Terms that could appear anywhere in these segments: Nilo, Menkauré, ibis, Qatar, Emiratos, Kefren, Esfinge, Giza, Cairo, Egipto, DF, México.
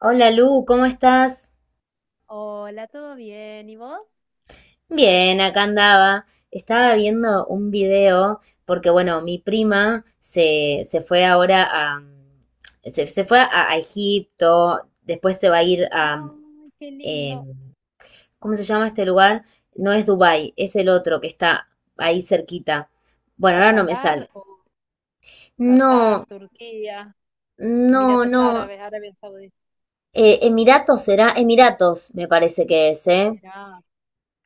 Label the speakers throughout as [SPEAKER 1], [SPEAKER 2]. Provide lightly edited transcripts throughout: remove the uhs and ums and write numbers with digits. [SPEAKER 1] Hola Lu, ¿cómo estás?
[SPEAKER 2] Hola, ¿todo bien? ¿Y vos?
[SPEAKER 1] Bien, acá andaba. Estaba viendo un video porque, bueno, mi prima se fue ahora a... Se fue a Egipto, después se va a ir a...
[SPEAKER 2] Ay, qué lindo.
[SPEAKER 1] em, ¿cómo se llama este lugar? No es Dubái, es el otro que está ahí cerquita. Bueno,
[SPEAKER 2] ¿A
[SPEAKER 1] ahora no me
[SPEAKER 2] Qatar
[SPEAKER 1] sale.
[SPEAKER 2] o
[SPEAKER 1] No,
[SPEAKER 2] Qatar, Turquía,
[SPEAKER 1] no,
[SPEAKER 2] Emiratos
[SPEAKER 1] no.
[SPEAKER 2] Árabes, Arabia Saudita?
[SPEAKER 1] Emiratos será, Emiratos me parece que es, ¿eh?
[SPEAKER 2] Emiratos,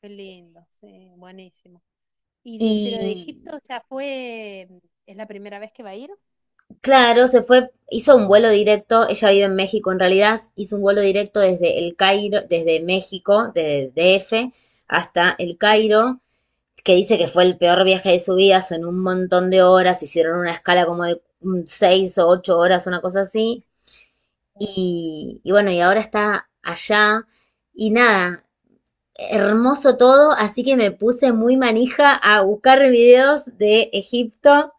[SPEAKER 2] qué lindo, sí, buenísimo. ¿Y pero de
[SPEAKER 1] Y
[SPEAKER 2] Egipto ya fue, es la primera vez que va a ir?
[SPEAKER 1] claro, se fue, hizo un vuelo directo, ella vive en México en realidad, hizo un vuelo directo desde el Cairo, desde México, desde DF hasta el
[SPEAKER 2] Sí.
[SPEAKER 1] Cairo, que dice que fue el peor viaje de su vida, son un montón de horas, hicieron una escala como de seis o ocho horas, una cosa así,
[SPEAKER 2] O-
[SPEAKER 1] y bueno, y ahora está allá, y nada, hermoso todo, así que me puse muy manija a buscar videos de Egipto,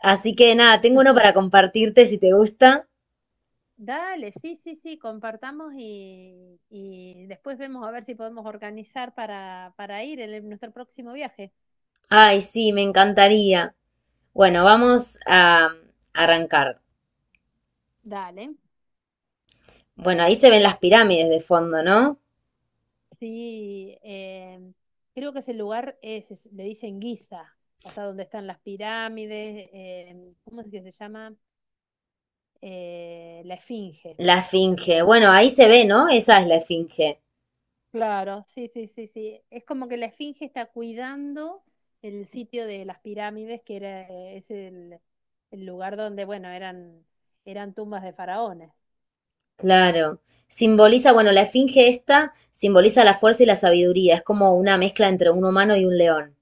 [SPEAKER 1] así que nada, tengo uno para compartirte si te gusta.
[SPEAKER 2] Dale, sí, sí, sí, compartamos y después vemos a ver si podemos organizar para ir nuestro próximo viaje.
[SPEAKER 1] Ay, sí, me encantaría. Bueno, vamos a arrancar.
[SPEAKER 2] Dale.
[SPEAKER 1] Bueno, ahí se ven las pirámides de fondo, ¿no?
[SPEAKER 2] Sí, creo que ese lugar es, le dicen Giza, o sea, donde están las pirámides, ¿cómo es que se llama? La Esfinge
[SPEAKER 1] La esfinge.
[SPEAKER 2] también.
[SPEAKER 1] Bueno, ahí se ve, ¿no? Esa es la esfinge.
[SPEAKER 2] Claro, sí, sí, sí, sí. Es como que la Esfinge está cuidando el sitio de las pirámides, es el lugar donde, bueno, eran tumbas de faraones.
[SPEAKER 1] Claro. Simboliza, bueno, la esfinge esta simboliza la fuerza y la sabiduría. Es como una mezcla entre un humano y un león.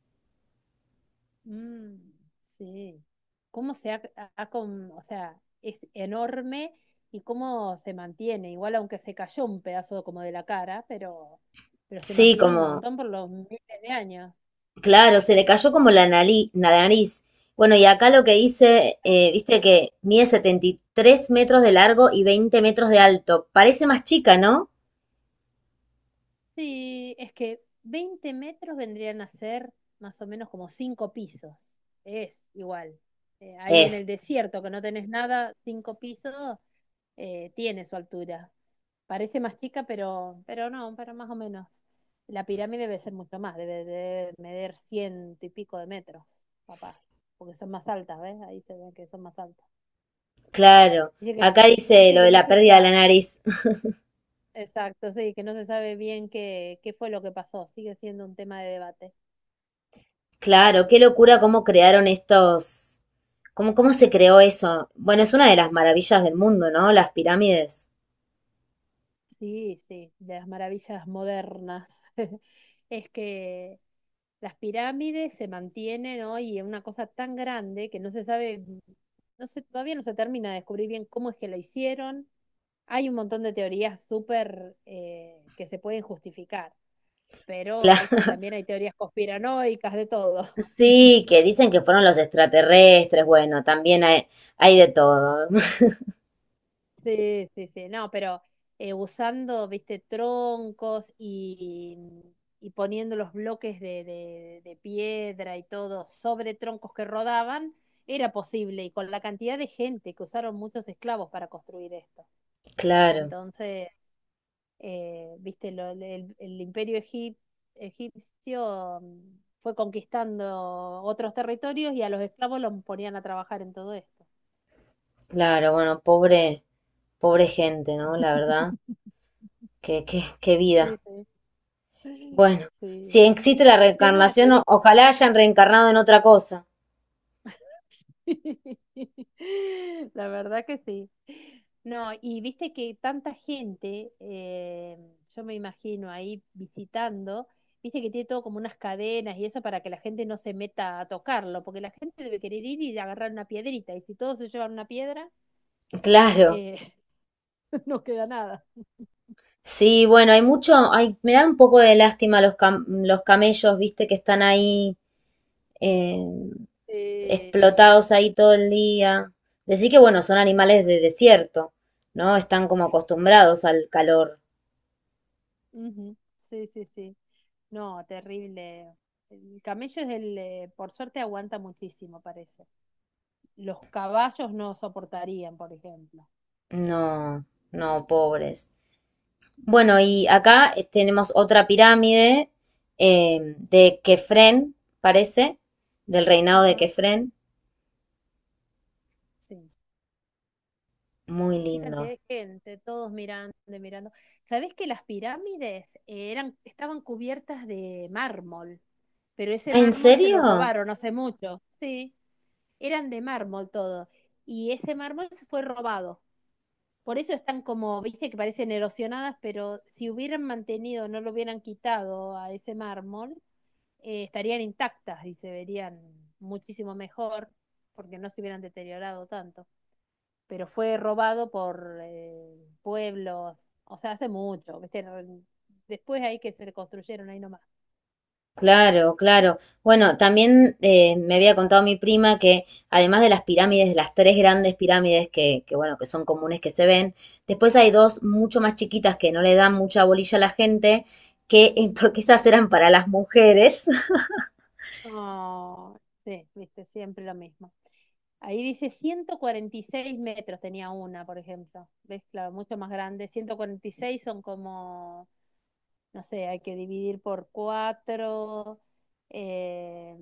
[SPEAKER 2] Mm, sí. ¿Cómo se ha, ha con- o sea, es enorme y cómo se mantiene? Igual aunque se cayó un pedazo como de la cara, pero se
[SPEAKER 1] Sí,
[SPEAKER 2] mantiene un
[SPEAKER 1] como,
[SPEAKER 2] montón por los miles de años.
[SPEAKER 1] claro, se le cayó como la la nariz. Bueno, y acá lo que hice, viste que mide 73 metros de largo y 20 metros de alto. Parece más chica, ¿no?
[SPEAKER 2] Sí, es que 20 metros vendrían a ser más o menos como 5 pisos. Es igual. Ahí en el
[SPEAKER 1] Es.
[SPEAKER 2] desierto, que no tenés nada, 5 pisos, tiene su altura. Parece más chica, pero no, pero más o menos. La pirámide debe ser mucho más, debe medir ciento y pico de metros, papá, porque son más altas, ¿ves? Ahí se ve que son más altas.
[SPEAKER 1] Claro,
[SPEAKER 2] Dice que,
[SPEAKER 1] acá dice
[SPEAKER 2] Dice
[SPEAKER 1] lo
[SPEAKER 2] que
[SPEAKER 1] de
[SPEAKER 2] no
[SPEAKER 1] la
[SPEAKER 2] se
[SPEAKER 1] pérdida de la
[SPEAKER 2] sabe,
[SPEAKER 1] nariz.
[SPEAKER 2] exacto, sí, que no se sabe bien qué fue lo que pasó, sigue siendo un tema de debate.
[SPEAKER 1] Claro, qué locura
[SPEAKER 2] Sí.
[SPEAKER 1] cómo crearon estos, cómo, cómo se creó eso. Bueno, es una de las maravillas del mundo, ¿no? Las pirámides.
[SPEAKER 2] Sí, sí, de las maravillas modernas. Es que las pirámides se mantienen hoy en una cosa tan grande que no se sabe, todavía no se termina de descubrir bien cómo es que la hicieron. Hay un montón de teorías súper que se pueden justificar, pero,
[SPEAKER 1] Claro,
[SPEAKER 2] viste, también hay teorías conspiranoicas de todo.
[SPEAKER 1] sí, que dicen que fueron los extraterrestres. Bueno, también hay de todo.
[SPEAKER 2] Sí, sí, sí, no, pero usando, viste, troncos y poniendo los bloques de piedra y todo sobre troncos que rodaban, era posible y con la cantidad de gente que usaron muchos esclavos para construir esto.
[SPEAKER 1] Claro,
[SPEAKER 2] Entonces, viste, el imperio egipcio fue conquistando otros territorios y a los esclavos los ponían a trabajar en todo esto.
[SPEAKER 1] claro, bueno, pobre, pobre gente, ¿no? La verdad, qué, qué, qué
[SPEAKER 2] Sí,
[SPEAKER 1] vida.
[SPEAKER 2] sí.
[SPEAKER 1] Bueno, si
[SPEAKER 2] Sí,
[SPEAKER 1] existe la
[SPEAKER 2] lleno de
[SPEAKER 1] reencarnación,
[SPEAKER 2] turistas.
[SPEAKER 1] ojalá hayan reencarnado en otra cosa.
[SPEAKER 2] La verdad que sí. No, y viste que tanta gente, yo me imagino ahí visitando, viste que tiene todo como unas cadenas y eso para que la gente no se meta a tocarlo, porque la gente debe querer ir y agarrar una piedrita, y si todos se llevan una piedra,
[SPEAKER 1] Claro.
[SPEAKER 2] eh, no queda nada.
[SPEAKER 1] Sí, bueno, hay mucho, hay, me dan un poco de lástima los los camellos, viste, que están ahí eh,
[SPEAKER 2] Sí,
[SPEAKER 1] explotados ahí todo el día. Decir que, bueno, son animales de desierto, ¿no? Están como acostumbrados al calor.
[SPEAKER 2] ujú, sí, sí, sí. No, terrible. El camello por suerte aguanta muchísimo, parece. Los caballos no soportarían, por ejemplo.
[SPEAKER 1] No, no, pobres. Bueno, y
[SPEAKER 2] Mm,
[SPEAKER 1] acá tenemos otra pirámide de Kefren, parece, del reinado de
[SPEAKER 2] ajá.
[SPEAKER 1] Kefren.
[SPEAKER 2] Sí.
[SPEAKER 1] Muy
[SPEAKER 2] Qué cantidad
[SPEAKER 1] lindo.
[SPEAKER 2] de gente, todos mirando, mirando. ¿Sabés que las pirámides estaban cubiertas de mármol? Pero ese
[SPEAKER 1] Ah, ¿en
[SPEAKER 2] mármol se lo
[SPEAKER 1] serio?
[SPEAKER 2] robaron hace mucho. Sí, eran de mármol todo. Y ese mármol se fue robado. Por eso están como, viste, que parecen erosionadas, pero si hubieran mantenido, no lo hubieran quitado a ese mármol, estarían intactas y se verían muchísimo mejor porque no se hubieran deteriorado tanto. Pero fue robado por pueblos, o sea, hace mucho, viste, después ahí que se construyeron ahí nomás.
[SPEAKER 1] Claro, claro. Bueno, también me había contado mi prima que además de las pirámides, de las tres grandes pirámides que, bueno, que son comunes que se ven, después hay dos mucho más chiquitas que no le dan mucha bolilla a la gente, que porque esas eran para las mujeres,
[SPEAKER 2] Oh, sí, viste, siempre lo mismo. Ahí dice 146 metros tenía una, por ejemplo. ¿Ves? Claro, mucho más grande. 146 son como, no sé, hay que dividir por cuatro, eh,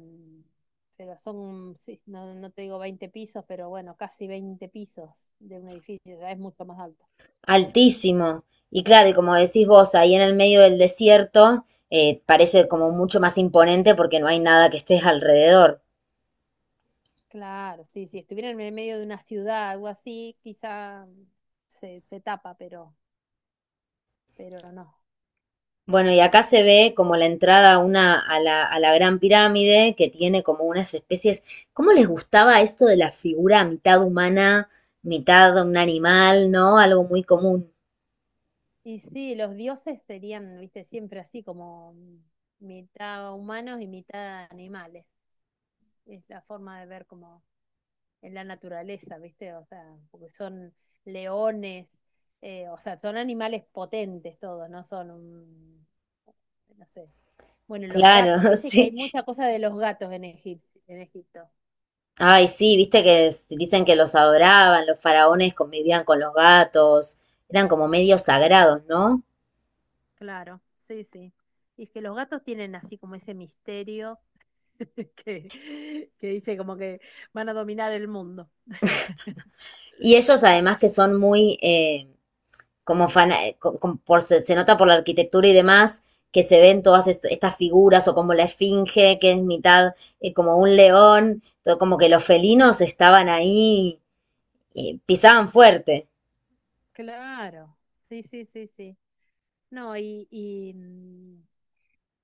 [SPEAKER 2] pero son, sí, no, no te digo 20 pisos, pero bueno, casi 20 pisos de un edificio, ya es mucho más alto.
[SPEAKER 1] altísimo. Y claro, y como decís vos, ahí en el medio del desierto, parece como mucho más imponente porque no hay nada que estés alrededor.
[SPEAKER 2] Claro, sí, si estuviera en el medio de una ciudad, algo así, quizá se tapa, pero no.
[SPEAKER 1] Bueno, y acá se ve como la entrada a una, a la Gran Pirámide, que tiene como unas especies. ¿Cómo les gustaba esto de la figura mitad humana, mitad un animal, ¿no? Algo muy común.
[SPEAKER 2] Y sí, los dioses serían, viste, siempre así como mitad humanos y mitad animales. Es la forma de ver como en la naturaleza, viste, o sea, porque son leones, o sea, son animales potentes todos, no sé. Bueno, los gatos,
[SPEAKER 1] Claro,
[SPEAKER 2] viste que hay
[SPEAKER 1] sí.
[SPEAKER 2] mucha cosa de los gatos en Egipto.
[SPEAKER 1] Ay, sí, viste que dicen que los adoraban, los faraones convivían con los gatos, eran como medios sagrados, ¿no?
[SPEAKER 2] Claro, sí, sí. Y es que los gatos tienen así como ese misterio que, que dice como que van a dominar el mundo.
[SPEAKER 1] Y ellos además que son muy, como fan por, se nota por la arquitectura y demás, que se ven todas estas figuras o como la esfinge, que es mitad como un león, todo como que los felinos estaban ahí, pisaban fuerte.
[SPEAKER 2] Claro, sí, sí, sí, sí. No,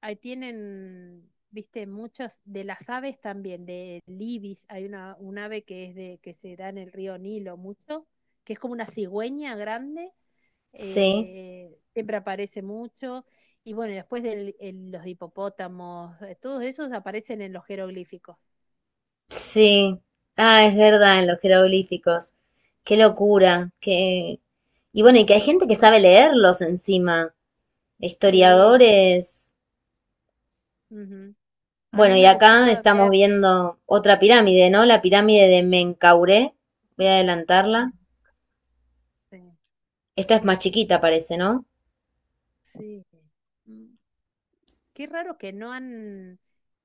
[SPEAKER 2] ahí tienen, viste, muchos, de las aves también, de ibis, un ave que es de, que se da en el río Nilo mucho, que es como una cigüeña grande,
[SPEAKER 1] Sí,
[SPEAKER 2] siempre aparece mucho, y bueno, y después de los hipopótamos, todos esos aparecen en los jeroglíficos.
[SPEAKER 1] sí. Ah, es verdad, en los jeroglíficos. Qué locura, qué... Y bueno, y que hay gente que sabe leerlos encima,
[SPEAKER 2] Sí, sí.
[SPEAKER 1] historiadores.
[SPEAKER 2] Ujú. A mí
[SPEAKER 1] Bueno, y
[SPEAKER 2] me
[SPEAKER 1] acá
[SPEAKER 2] gustaba
[SPEAKER 1] estamos
[SPEAKER 2] ver,
[SPEAKER 1] viendo otra pirámide, ¿no? La pirámide de Menkauré. Voy a adelantarla.
[SPEAKER 2] sí.
[SPEAKER 1] Esta es más chiquita, parece, ¿no?
[SPEAKER 2] Sí. Mm. Qué raro que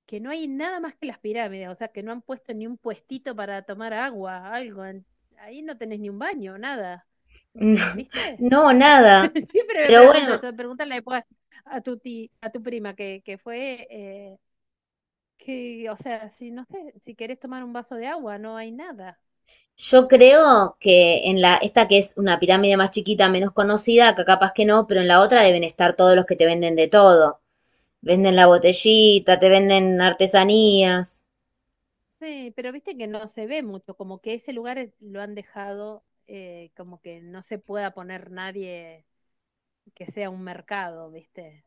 [SPEAKER 2] que no hay nada más que las pirámides, o sea, que no han puesto ni un puestito para tomar agua, algo. Ahí no tenés ni un baño, nada.
[SPEAKER 1] No,
[SPEAKER 2] ¿Viste?
[SPEAKER 1] no, nada.
[SPEAKER 2] Siempre me
[SPEAKER 1] Pero
[SPEAKER 2] pregunto
[SPEAKER 1] bueno,
[SPEAKER 2] eso, pregúntale después a tu prima que fue, o sea, si no sé, si querés tomar un vaso de agua, no hay nada.
[SPEAKER 1] yo creo que en la, esta que es una pirámide más chiquita, menos conocida, acá capaz que no, pero en la otra deben estar todos los que te venden de todo. Venden la botellita, te venden artesanías.
[SPEAKER 2] Sí, pero viste que no se ve mucho, como que ese lugar lo han dejado, como que no se pueda poner nadie que sea un mercado, ¿viste?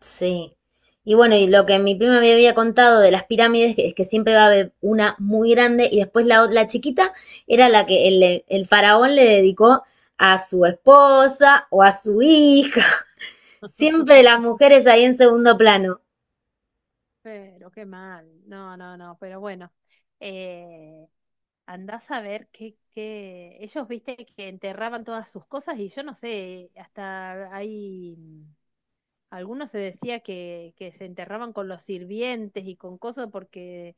[SPEAKER 1] Sí. Y bueno, y lo que mi prima me había contado de las pirámides es que siempre va a haber una muy grande y después la, la chiquita era la que el faraón le dedicó a su esposa o a su hija. Siempre las mujeres ahí en segundo plano.
[SPEAKER 2] Pero qué mal. No, no, no, pero bueno. Eh, andás a ver qué. Ellos, viste, que enterraban todas sus cosas y yo no sé, hasta hay. Algunos se decía que se enterraban con los sirvientes y con cosas porque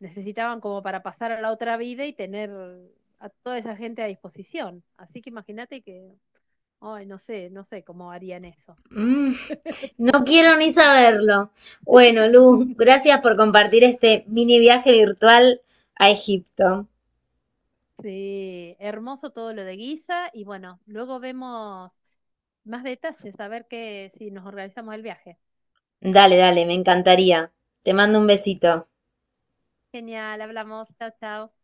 [SPEAKER 2] necesitaban como para pasar a la otra vida y tener a toda esa gente a disposición. Así que imagínate que, ay, no sé cómo harían eso.
[SPEAKER 1] Mm, no quiero ni saberlo. Bueno, Luz, gracias por compartir este mini viaje virtual a Egipto.
[SPEAKER 2] Sí, hermoso todo lo de Guisa y bueno, luego vemos más detalles, a ver que, si nos organizamos el viaje.
[SPEAKER 1] Dale, dale, me encantaría. Te mando un besito.
[SPEAKER 2] Genial, hablamos, chao, chao.